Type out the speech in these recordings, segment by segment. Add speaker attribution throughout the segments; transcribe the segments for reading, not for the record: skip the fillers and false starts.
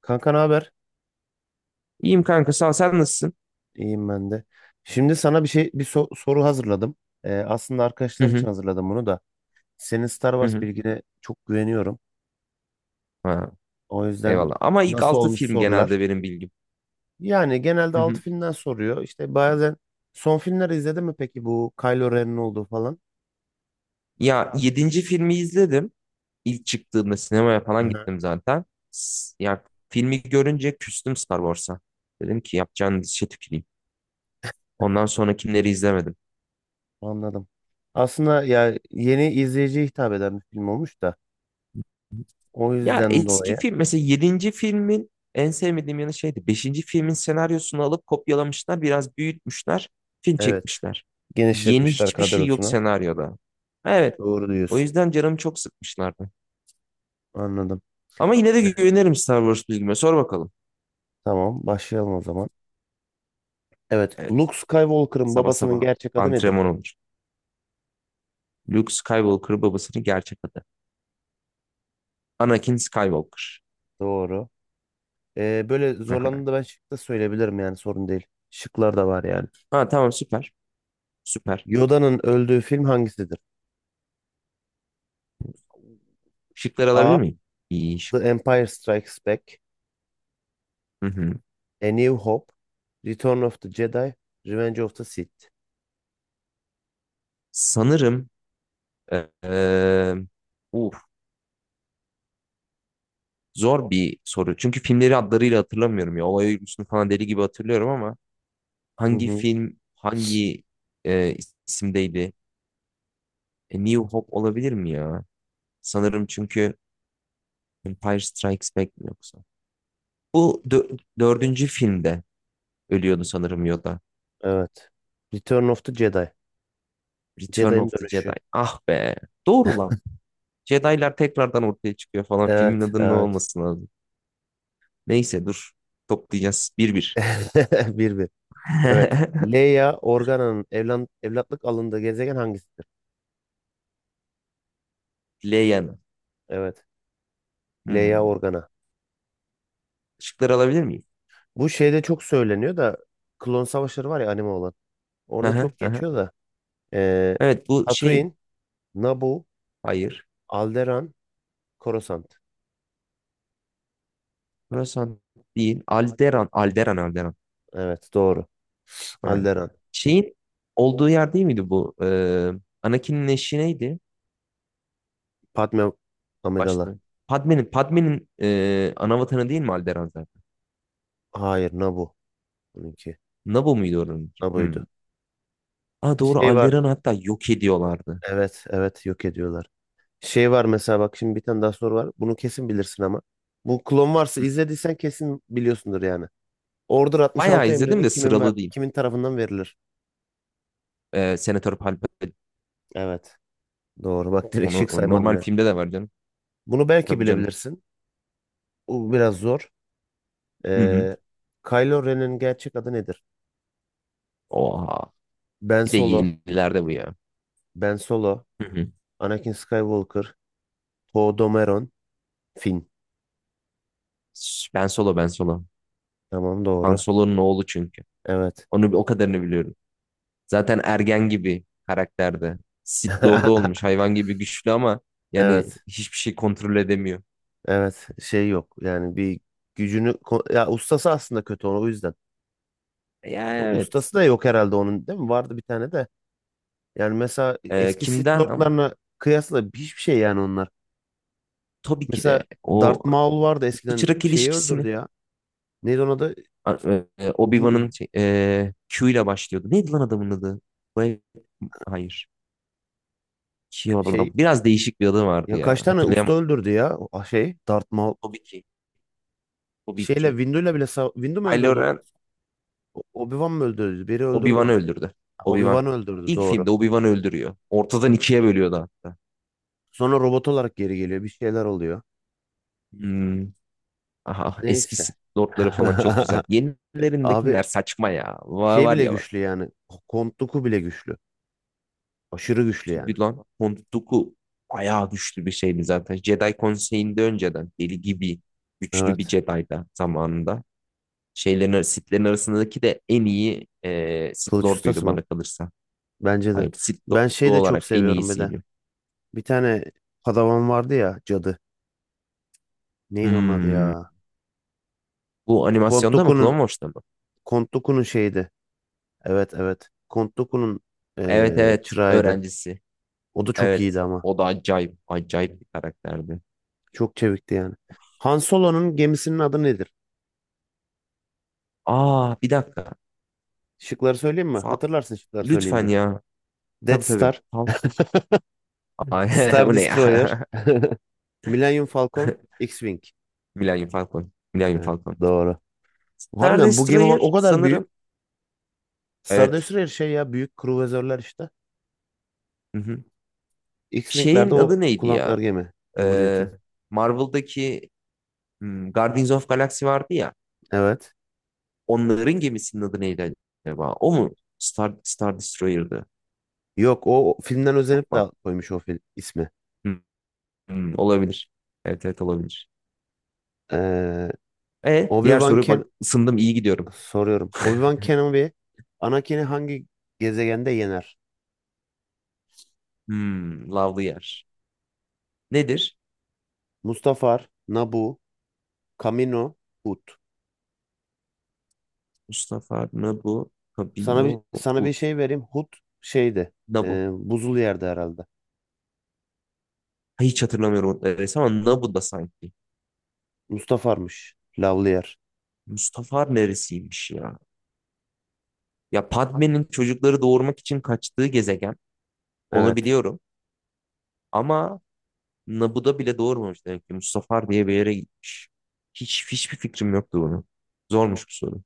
Speaker 1: Kanka ne haber?
Speaker 2: İyiyim kanka sağ ol. Sen nasılsın?
Speaker 1: İyiyim ben de. Şimdi sana bir şey bir so- soru hazırladım. Aslında
Speaker 2: Hı
Speaker 1: arkadaşlar için
Speaker 2: hı.
Speaker 1: hazırladım bunu da. Senin Star
Speaker 2: Hı
Speaker 1: Wars
Speaker 2: hı.
Speaker 1: bilgine çok güveniyorum.
Speaker 2: Ha,
Speaker 1: O yüzden
Speaker 2: eyvallah. Ama ilk
Speaker 1: nasıl
Speaker 2: 6
Speaker 1: olmuş
Speaker 2: film genelde
Speaker 1: sorular?
Speaker 2: benim bilgim.
Speaker 1: Yani genelde
Speaker 2: Hı
Speaker 1: 6
Speaker 2: hı.
Speaker 1: filmden soruyor. İşte bazen son filmleri izledin mi peki bu Kylo Ren'in olduğu falan?
Speaker 2: Ya yedinci filmi izledim. İlk çıktığımda sinemaya falan
Speaker 1: Aha.
Speaker 2: gittim zaten. Ya filmi görünce küstüm Star Wars'a. Dedim ki yapacağın dişe tüküreyim. Ondan sonrakileri izlemedim.
Speaker 1: Anladım. Aslında ya yeni izleyiciye hitap eden bir film olmuş da o
Speaker 2: Ya
Speaker 1: yüzden
Speaker 2: eski
Speaker 1: dolayı
Speaker 2: film mesela yedinci filmin en sevmediğim yanı şeydi. Beşinci filmin senaryosunu alıp kopyalamışlar, biraz büyütmüşler, film
Speaker 1: evet,
Speaker 2: çekmişler. Yeni
Speaker 1: genişletmişler
Speaker 2: hiçbir şey yok
Speaker 1: kadrosunu.
Speaker 2: senaryoda. Evet.
Speaker 1: Doğru
Speaker 2: O
Speaker 1: diyorsun.
Speaker 2: yüzden canım çok sıkmışlardı.
Speaker 1: Anladım.
Speaker 2: Ama yine de
Speaker 1: Evet,
Speaker 2: güvenirim Star Wars bilgime. Sor bakalım.
Speaker 1: tamam başlayalım o zaman. Evet.
Speaker 2: Evet.
Speaker 1: Luke Skywalker'ın
Speaker 2: Sabah
Speaker 1: babasının
Speaker 2: sabah
Speaker 1: gerçek adı nedir?
Speaker 2: antrenman olur. Luke Skywalker babasının gerçek adı. Anakin Skywalker.
Speaker 1: Doğru. Böyle zorlandığında ben şık da söyleyebilirim yani sorun değil. Şıklar da var yani.
Speaker 2: Ha, tamam, süper. Süper.
Speaker 1: Yoda'nın öldüğü film hangisidir?
Speaker 2: Şıkları alabilir
Speaker 1: A.
Speaker 2: miyim? İyi şık.
Speaker 1: The Empire Strikes Back.
Speaker 2: Hı hı.
Speaker 1: A New Hope. Return of the Jedi. Revenge of the Sith.
Speaker 2: Sanırım eee uf, zor bir soru. Çünkü filmleri adlarıyla hatırlamıyorum ya. Olay örgüsünü falan deli gibi hatırlıyorum ama
Speaker 1: Hı
Speaker 2: hangi
Speaker 1: hı.
Speaker 2: film hangi eee, isimdeydi? E, New Hope olabilir mi ya? Sanırım çünkü Empire Strikes Back mi yoksa? Bu dördüncü filmde ölüyordu sanırım Yoda.
Speaker 1: Evet. Return of the Jedi.
Speaker 2: Return
Speaker 1: Jedi'nin
Speaker 2: of the
Speaker 1: dönüşü.
Speaker 2: Jedi. Ah be. Doğru lan. Jedi'lar tekrardan ortaya çıkıyor falan. Filmin
Speaker 1: Evet,
Speaker 2: adının ne
Speaker 1: evet.
Speaker 2: olması lazım. Neyse dur. Toplayacağız. Bir bir.
Speaker 1: Bir bir. Evet. Leia Organa'nın evlatlık alındığı gezegen hangisidir?
Speaker 2: Leia'nın.
Speaker 1: Evet. Leia
Speaker 2: Hmm.
Speaker 1: Organa.
Speaker 2: Işıkları alabilir miyim?
Speaker 1: Bu şeyde çok söyleniyor da Klon Savaşları var ya, anime olan.
Speaker 2: Hı
Speaker 1: Orada
Speaker 2: hı,
Speaker 1: çok
Speaker 2: hı hı.
Speaker 1: geçiyor da. Ee,
Speaker 2: Evet, bu şeyin.
Speaker 1: Tatooine, Naboo,
Speaker 2: Hayır.
Speaker 1: Alderaan, Coruscant.
Speaker 2: Burası değil. Alderan. Alderan. Alderan.
Speaker 1: Evet, doğru.
Speaker 2: Ha.
Speaker 1: Alderaan.
Speaker 2: Şeyin olduğu yer değil miydi bu? Anakin'in eşi neydi?
Speaker 1: Padme Amidala.
Speaker 2: Başladı. Padme'nin ana değil mi Alderan zaten?
Speaker 1: Hayır, Naboo. Bununki.
Speaker 2: Naboo muydu oranınki?
Speaker 1: Naboo'ydu.
Speaker 2: Hmm. Aa, doğru
Speaker 1: Şey var.
Speaker 2: Alderan'ı hatta yok ediyorlardı.
Speaker 1: Evet evet, yok ediyorlar. Şey var mesela, bak şimdi bir tane daha soru var. Bunu kesin bilirsin ama. Bu klon varsa izlediysen kesin biliyorsundur yani. Order
Speaker 2: Bayağı
Speaker 1: 66
Speaker 2: izledim
Speaker 1: emrini
Speaker 2: de
Speaker 1: kimin ve
Speaker 2: sıralı değil.
Speaker 1: kimin tarafından verilir?
Speaker 2: E, Senatör Palpatine
Speaker 1: Evet. Doğru. Bak direkt
Speaker 2: onu
Speaker 1: şık
Speaker 2: o
Speaker 1: saymadım
Speaker 2: normal
Speaker 1: ya.
Speaker 2: filmde de var canım.
Speaker 1: Bunu belki
Speaker 2: Tabii canım.
Speaker 1: bilebilirsin. Bu biraz zor.
Speaker 2: Hı hı.
Speaker 1: Ee, Kylo Ren'in gerçek adı nedir?
Speaker 2: Oha.
Speaker 1: Ben
Speaker 2: Bir de
Speaker 1: Solo,
Speaker 2: yenilerde bu ya.
Speaker 1: Ben Solo,
Speaker 2: Hı hı.
Speaker 1: Anakin Skywalker, Poe Dameron, Finn.
Speaker 2: Ben Solo, Ben Solo.
Speaker 1: Tamam,
Speaker 2: Han
Speaker 1: doğru.
Speaker 2: Solo'nun oğlu çünkü.
Speaker 1: Evet.
Speaker 2: Onu o kadarını biliyorum. Zaten ergen gibi karakterde. Sith Lord'u olmuş hayvan gibi güçlü ama yani
Speaker 1: Evet.
Speaker 2: hiçbir şey kontrol edemiyor.
Speaker 1: Evet. Şey yok. Yani bir gücünü ko- ya ustası aslında kötü, onu o yüzden.
Speaker 2: Ya,
Speaker 1: Ya
Speaker 2: evet.
Speaker 1: ustası da yok herhalde onun, değil mi? Vardı bir tane de. Yani mesela
Speaker 2: Ee,
Speaker 1: eski Sith
Speaker 2: kimden?
Speaker 1: Lord'larına kıyasla hiçbir şey yani onlar.
Speaker 2: Tabii ki
Speaker 1: Mesela
Speaker 2: de o
Speaker 1: Darth Maul vardı
Speaker 2: usta
Speaker 1: eskiden,
Speaker 2: çırak
Speaker 1: şeyi
Speaker 2: ilişkisini
Speaker 1: öldürdü ya. Neydi onun adı?
Speaker 2: Obi-Wan'ın
Speaker 1: Bin,
Speaker 2: şey, Q ile başlıyordu. Neydi lan adamın adı? Bay- Hayır. Şey,
Speaker 1: şey.
Speaker 2: biraz değişik bir adı vardı
Speaker 1: Ya
Speaker 2: ya.
Speaker 1: kaç tane usta
Speaker 2: Hatırlayamadım.
Speaker 1: öldürdü ya o şey Darth Maul.
Speaker 2: Tabii ki. Tabii
Speaker 1: Şeyle
Speaker 2: ki.
Speaker 1: Windu'yla bile sav- Windu mu
Speaker 2: Kylo
Speaker 1: öldürdü onu?
Speaker 2: Ren
Speaker 1: Obi-Wan mı öldürdü? Biri öldürdü
Speaker 2: Obi-Wan'ı
Speaker 1: onu.
Speaker 2: öldürdü.
Speaker 1: Ha,
Speaker 2: Obi-Wan.
Speaker 1: Obi-Wan öldürdü,
Speaker 2: İlk
Speaker 1: doğru.
Speaker 2: filmde Obi-Wan'ı öldürüyor. Ortadan ikiye bölüyordu hatta.
Speaker 1: Sonra robot olarak geri geliyor. Bir şeyler oluyor.
Speaker 2: Hmm. Aha, eski
Speaker 1: Neyse.
Speaker 2: Sith Lord'ları falan çok güzel.
Speaker 1: Abi
Speaker 2: Yenilerindekiler saçma ya. Var,
Speaker 1: şey
Speaker 2: var
Speaker 1: bile
Speaker 2: ya.
Speaker 1: güçlü yani. Count Dooku bile güçlü. Aşırı güçlü yani.
Speaker 2: Tabii lan. Hondoku bayağı güçlü bir şeydi zaten. Jedi Konseyi'nde önceden deli gibi güçlü bir
Speaker 1: Evet.
Speaker 2: Jedi'da zamanında. Şeylerin, Sith'lerin arasındaki de en iyi Sith
Speaker 1: Kılıç
Speaker 2: Lord'uydu
Speaker 1: ustası mı?
Speaker 2: bana kalırsa.
Speaker 1: Bence de.
Speaker 2: Hayır, Sith
Speaker 1: Ben
Speaker 2: Lord'u
Speaker 1: şey de çok
Speaker 2: olarak en
Speaker 1: seviyorum bir de.
Speaker 2: iyisiydi.
Speaker 1: Bir tane padavan vardı ya, cadı. Neydi onun adı
Speaker 2: Hmm.
Speaker 1: ya?
Speaker 2: Bu
Speaker 1: Count
Speaker 2: animasyonda mı?
Speaker 1: Dooku'nun
Speaker 2: Clone Wars'ta mı?
Speaker 1: Count Dooku'nun şeydi. Evet, evet. Count Dooku'nun
Speaker 2: Evet, evet.
Speaker 1: çırağıydı.
Speaker 2: Öğrencisi.
Speaker 1: O da çok
Speaker 2: Evet.
Speaker 1: iyiydi ama.
Speaker 2: O da acayip. Acayip bir karakterdi.
Speaker 1: Çok çevikti yani. Han Solo'nun gemisinin adı nedir?
Speaker 2: Aa, bir dakika.
Speaker 1: Şıkları söyleyeyim mi?
Speaker 2: Fa-
Speaker 1: Hatırlarsın şıkları
Speaker 2: Lütfen
Speaker 1: söyleyince.
Speaker 2: ya. Tabii,
Speaker 1: Death
Speaker 2: tabii.
Speaker 1: Star,
Speaker 2: Falcon. Ay,
Speaker 1: Star
Speaker 2: o ne ya?
Speaker 1: Destroyer, Millennium Falcon, X-Wing.
Speaker 2: Millennium Falcon. Millennium
Speaker 1: Evet,
Speaker 2: Falcon.
Speaker 1: doğru.
Speaker 2: Star
Speaker 1: Harbiden bu gemi bak o
Speaker 2: Destroyer
Speaker 1: kadar büyük.
Speaker 2: sanırım.
Speaker 1: Star
Speaker 2: Evet.
Speaker 1: Destroyer şey ya, büyük kruvazörler işte.
Speaker 2: Hı hı.
Speaker 1: X-Wing'lerde
Speaker 2: Şeyin
Speaker 1: o
Speaker 2: adı neydi ya?
Speaker 1: kullandıkları gemi.
Speaker 2: Ee,
Speaker 1: Cumhuriyet'in.
Speaker 2: Marvel'daki Guardians of Galaxy vardı ya.
Speaker 1: Evet.
Speaker 2: Onların gemisinin adı neydi acaba? O mu? Star Destroyer'dı.
Speaker 1: Yok, o filmden özenip de
Speaker 2: Bak.
Speaker 1: koymuş o film ismi.
Speaker 2: Hı, hı, olabilir. Evet, evet, olabilir.
Speaker 1: Eee
Speaker 2: E, diğer
Speaker 1: Obi-Wan
Speaker 2: soru
Speaker 1: Ken
Speaker 2: bak, ısındım, iyi gidiyorum.
Speaker 1: Soruyorum. Obi-Wan Kenobi Anakin'i hangi gezegende yener?
Speaker 2: Lavlı yer. Nedir?
Speaker 1: Mustafar, Naboo, Kamino, Hut.
Speaker 2: Mustafa Nabu Kabino
Speaker 1: Sana bir
Speaker 2: Ut.
Speaker 1: şey vereyim. Hut şeydi.
Speaker 2: Nabu.
Speaker 1: E, buzul yerde herhalde.
Speaker 2: Hiç hatırlamıyorum o resim ama Nabu da sanki.
Speaker 1: Mustafar'mış. Lavlı yer.
Speaker 2: Mustafar neresiymiş ya? Ya Padme'nin çocukları doğurmak için kaçtığı gezegen. Onu
Speaker 1: Evet.
Speaker 2: biliyorum. Ama Naboo'da bile doğurmamış demek ki. Mustafar diye bir yere gitmiş. Hiç hiçbir fikrim yoktu bunu. Zormuş bu soru.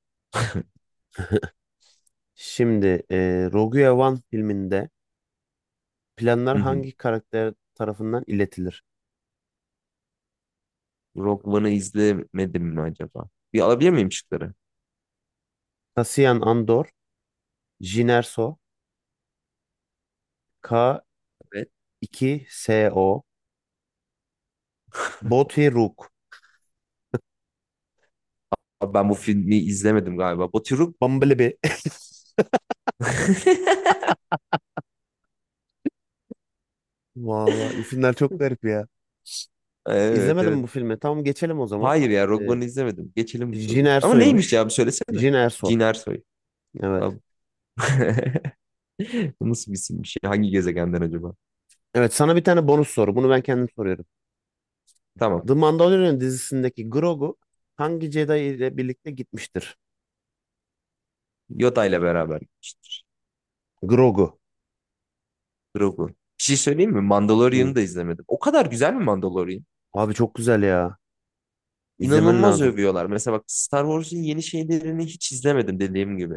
Speaker 1: Şimdi Rogue One filminde planlar
Speaker 2: Hı hı.
Speaker 1: hangi karakter tarafından iletilir?
Speaker 2: Rogue One'ı izlemedim mi acaba? Bir alabilir miyim şıkları?
Speaker 1: Cassian Andor, Jyn Erso,
Speaker 2: Evet.
Speaker 1: K2SO, Bothy Rook,
Speaker 2: Abi ben bu filmi izlemedim galiba. Baturuk.
Speaker 1: Bumblebee. Vallahi isimler çok garip ya.
Speaker 2: Evet,
Speaker 1: İzlemedim
Speaker 2: evet.
Speaker 1: bu filmi. Tamam geçelim o zaman.
Speaker 2: Hayır ya, Rogue
Speaker 1: Ee,
Speaker 2: One'ı izlemedim. Geçelim bu
Speaker 1: Jin
Speaker 2: soruyu. Ama neymiş
Speaker 1: Erso'ymuş.
Speaker 2: ya, bir söylesene.
Speaker 1: Jin Erso.
Speaker 2: Cin Ersoy.
Speaker 1: Evet.
Speaker 2: Abi. Bu nasıl bir isim bir şey? Hangi gezegenden acaba?
Speaker 1: Evet, sana bir tane bonus soru. Bunu ben kendim soruyorum.
Speaker 2: Tamam.
Speaker 1: The Mandalorian dizisindeki Grogu hangi Jedi ile birlikte gitmiştir?
Speaker 2: Yoda ile beraber gitmiştir.
Speaker 1: Grogu.
Speaker 2: Grogu. Bir şey söyleyeyim mi? Mandalorian'ı
Speaker 1: Hı.
Speaker 2: da izlemedim. O kadar güzel mi Mandalorian?
Speaker 1: Abi çok güzel ya. İzlemen
Speaker 2: İnanılmaz
Speaker 1: lazım.
Speaker 2: övüyorlar. Mesela bak, Star Wars'un yeni şeylerini hiç izlemedim dediğim gibi.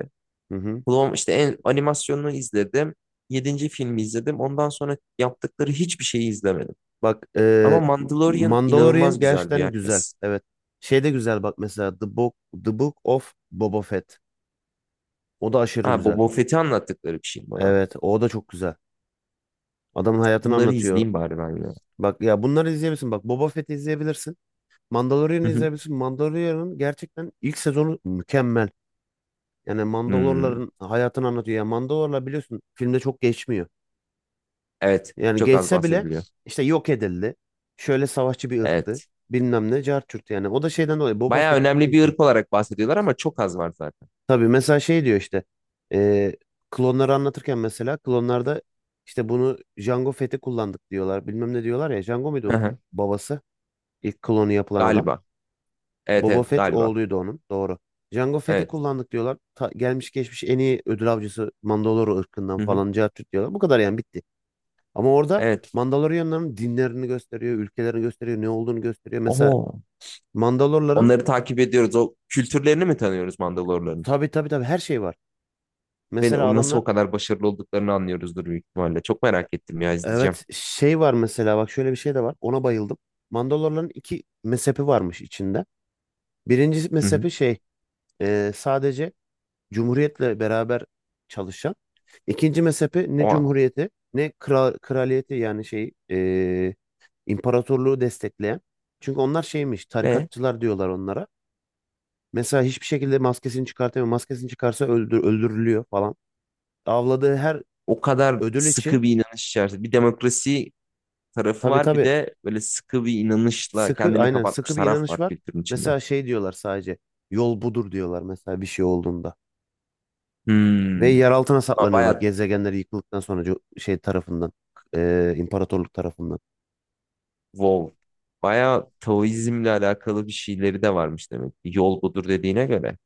Speaker 1: Hı hı.
Speaker 2: Clone- işte animasyonunu izledim. Yedinci filmi izledim. Ondan sonra yaptıkları hiçbir şeyi izlemedim.
Speaker 1: Bak,
Speaker 2: Ama Mandalorian
Speaker 1: Mandalorian
Speaker 2: inanılmaz güzel diyor
Speaker 1: gerçekten güzel.
Speaker 2: herkes.
Speaker 1: Evet. Şey de güzel bak mesela The Book of Boba Fett. O da aşırı
Speaker 2: Ha,
Speaker 1: güzel.
Speaker 2: Boba Fett'i anlattıkları bir şey bana.
Speaker 1: Evet, o da çok güzel. Adamın hayatını
Speaker 2: Bunları
Speaker 1: anlatıyor.
Speaker 2: izleyeyim bari ben ya.
Speaker 1: Bak ya, bunları izleyebilirsin. Bak, Boba Fett'i izleyebilirsin.
Speaker 2: Hı
Speaker 1: Mandalorian'ı
Speaker 2: hı.
Speaker 1: izleyebilirsin. Mandalorian'ın gerçekten ilk sezonu mükemmel. Yani
Speaker 2: Hmm,
Speaker 1: Mandalorların hayatını anlatıyor. Ya Mandalorlar biliyorsun filmde çok geçmiyor.
Speaker 2: evet.
Speaker 1: Yani
Speaker 2: Çok az
Speaker 1: geçse bile
Speaker 2: bahsediliyor.
Speaker 1: işte yok edildi. Şöyle savaşçı bir ırktı.
Speaker 2: Evet.
Speaker 1: Bilmem ne cart curt yani. O da şeyden dolayı Boba
Speaker 2: Bayağı
Speaker 1: Fett çıktığı
Speaker 2: önemli bir
Speaker 1: için.
Speaker 2: ırk olarak bahsediyorlar ama çok az var zaten.
Speaker 1: Tabii mesela şey diyor işte. e, Klonları anlatırken mesela klonlarda işte bunu Jango Fett'i kullandık diyorlar. Bilmem ne diyorlar ya. Jango muydu
Speaker 2: Hı
Speaker 1: o
Speaker 2: hı.
Speaker 1: babası? İlk klonu yapılan adam.
Speaker 2: Galiba. Evet,
Speaker 1: Boba
Speaker 2: evet,
Speaker 1: Fett
Speaker 2: galiba.
Speaker 1: oğluydu onun. Doğru. Jango Fett'i
Speaker 2: Evet.
Speaker 1: kullandık diyorlar. Gelmiş geçmiş en iyi ödül avcısı Mandalore ırkından
Speaker 2: Hı hı.
Speaker 1: falan cart diyorlar. Bu kadar yani, bitti. Ama orada
Speaker 2: Evet.
Speaker 1: Mandalorianların dinlerini gösteriyor, ülkelerini gösteriyor, ne olduğunu gösteriyor. Mesela
Speaker 2: Oho.
Speaker 1: Mandalorların
Speaker 2: Onları takip ediyoruz. O kültürlerini mi tanıyoruz Mandalorların?
Speaker 1: tabii tabii tabii her şey var.
Speaker 2: Ve
Speaker 1: Mesela
Speaker 2: nasıl o
Speaker 1: adamlar
Speaker 2: kadar başarılı olduklarını anlıyoruzdur büyük ihtimalle. Çok merak ettim ya, izleyeceğim.
Speaker 1: evet, şey var mesela bak, şöyle bir şey de var. Ona bayıldım. Mandalorların 2 mezhepi varmış içinde. Birincisi
Speaker 2: Hı hı.
Speaker 1: mezhepi şey, sadece Cumhuriyetle beraber çalışan. İkinci mezhepe ne
Speaker 2: O.
Speaker 1: cumhuriyeti ne kral, kraliyeti yani şey, imparatorluğu destekleyen. Çünkü onlar şeymiş,
Speaker 2: Ve
Speaker 1: tarikatçılar diyorlar onlara. Mesela hiçbir şekilde maskesini çıkartamıyor. Maskesini çıkarsa öldürülüyor falan. Avladığı her
Speaker 2: o kadar
Speaker 1: ödül
Speaker 2: sıkı
Speaker 1: için
Speaker 2: bir inanış içerisinde. Bir demokrasi tarafı
Speaker 1: tabii
Speaker 2: var. Bir
Speaker 1: tabii
Speaker 2: de böyle sıkı bir inanışla
Speaker 1: sıkı,
Speaker 2: kendini
Speaker 1: aynen
Speaker 2: kapatmış
Speaker 1: sıkı bir
Speaker 2: taraf
Speaker 1: inanış
Speaker 2: var
Speaker 1: var.
Speaker 2: kültürün içinde.
Speaker 1: Mesela şey diyorlar, sadece yol budur diyorlar mesela bir şey olduğunda. Ve
Speaker 2: Hmm.
Speaker 1: yer altına
Speaker 2: Ama
Speaker 1: saklanıyorlar,
Speaker 2: Bayağı
Speaker 1: gezegenleri yıkıldıktan sonra şey tarafından, imparatorluk tarafından.
Speaker 2: Wow. Bayağı Taoizmle alakalı bir şeyleri de varmış demek ki. Yol budur dediğine göre.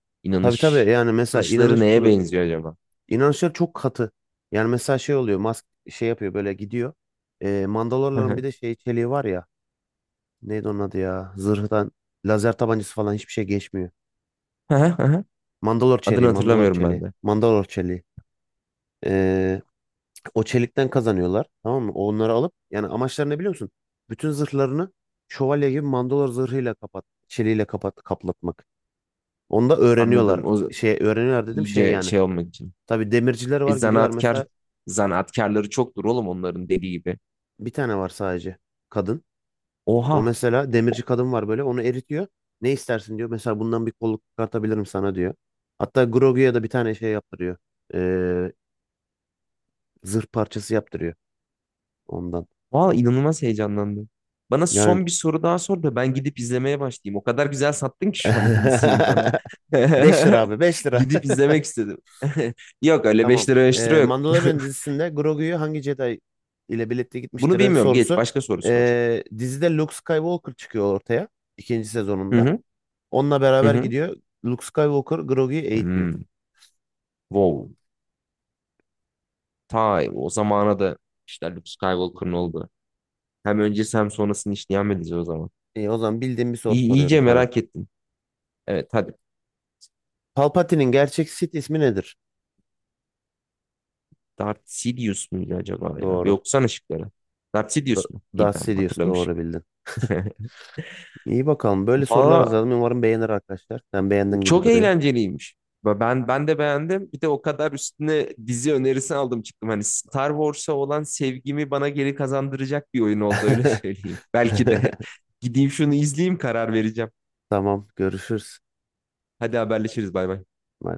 Speaker 1: Tabii tabii,
Speaker 2: İnanış.
Speaker 1: yani mesela
Speaker 2: İnanışları
Speaker 1: inanış
Speaker 2: neye
Speaker 1: budur.
Speaker 2: benziyor acaba?
Speaker 1: İnanışlar çok katı. Yani mesela şey oluyor, Musk şey yapıyor, böyle gidiyor.
Speaker 2: Hı
Speaker 1: Mandalorların bir
Speaker 2: hı.
Speaker 1: de şey çeliği var ya. Neydi onun adı ya? Zırhtan lazer tabancası falan hiçbir şey geçmiyor.
Speaker 2: Hı hı hı hı.
Speaker 1: Mandalor
Speaker 2: Adını
Speaker 1: çeliği, Mandalor
Speaker 2: hatırlamıyorum ben
Speaker 1: çeliği,
Speaker 2: de.
Speaker 1: Mandalor çeliği. Ee, O çelikten kazanıyorlar, tamam mı? Onları alıp, yani amaçları ne biliyor musun? Bütün zırhlarını şövalye gibi Mandalor zırhıyla çeliğiyle kapat, kaplatmak. Onu da
Speaker 2: Anladım.
Speaker 1: öğreniyorlar.
Speaker 2: O z-
Speaker 1: Şey öğreniyorlar dedim, şey
Speaker 2: iyice
Speaker 1: yani.
Speaker 2: şey olmak için.
Speaker 1: Tabii demirciler
Speaker 2: E
Speaker 1: var, gidiyorlar
Speaker 2: zanaatkar,
Speaker 1: mesela.
Speaker 2: zanaatkarları çoktur oğlum onların dediği gibi.
Speaker 1: Bir tane var sadece. Kadın. O
Speaker 2: Oha.
Speaker 1: mesela demirci kadın var böyle. Onu eritiyor. Ne istersin diyor. Mesela bundan bir kolluk çıkartabilirim sana diyor. Hatta Grogu'ya da bir tane şey yaptırıyor. Ee, Zırh parçası yaptırıyor ondan.
Speaker 2: Valla inanılmaz heyecanlandım. Bana son
Speaker 1: Yani
Speaker 2: bir soru daha sor da ben gidip izlemeye başlayayım. O kadar güzel sattın ki şu anda diziyi bana.
Speaker 1: 5 lira abi, 5 lira.
Speaker 2: Gidip izlemek istedim. Yok öyle, 5
Speaker 1: Tamam.
Speaker 2: lira 5 lira yok.
Speaker 1: Mandalorian dizisinde Grogu'yu hangi Jedi ile birlikte
Speaker 2: Bunu
Speaker 1: gitmiştir
Speaker 2: bilmiyorum. Geç
Speaker 1: sorusu.
Speaker 2: başka soru sor.
Speaker 1: Dizide Luke Skywalker çıkıyor ortaya. İkinci
Speaker 2: Hı
Speaker 1: sezonunda.
Speaker 2: hı.
Speaker 1: Onunla
Speaker 2: Hı
Speaker 1: beraber
Speaker 2: hı.
Speaker 1: gidiyor. Luke Skywalker Grogu'yu eğitiyor.
Speaker 2: Hmm. Wow. Ta o zamana da işte Luke Skywalker'ın oldu. Hem öncesi hem sonrasını işleyen bir dizi o zaman.
Speaker 1: İyi, o zaman bildiğim bir soru
Speaker 2: İyi,
Speaker 1: soruyorum
Speaker 2: iyice
Speaker 1: sana.
Speaker 2: merak ettim. Evet, hadi.
Speaker 1: Palpatine'in gerçek Sith ismi nedir?
Speaker 2: Darth Sidious muydu acaba ya? Bir
Speaker 1: Doğru.
Speaker 2: okusana şıkları. Darth
Speaker 1: Da
Speaker 2: Sidious mu? İyi,
Speaker 1: Darth
Speaker 2: tamam,
Speaker 1: Sidious,
Speaker 2: hatırlamışım.
Speaker 1: doğru bildin. İyi bakalım. Böyle sorular
Speaker 2: Valla
Speaker 1: hazırladım. Umarım beğenir arkadaşlar. Sen beğendin gibi
Speaker 2: çok
Speaker 1: duruyor.
Speaker 2: eğlenceliymiş. Ve ben de beğendim. Bir de o kadar üstüne dizi önerisi aldım çıktım. Hani Star Wars'a olan sevgimi bana geri kazandıracak bir oyun oldu öyle söyleyeyim. Belki de gideyim şunu izleyeyim karar vereceğim.
Speaker 1: Tamam, görüşürüz.
Speaker 2: Hadi haberleşiriz, bay bay.
Speaker 1: Bye.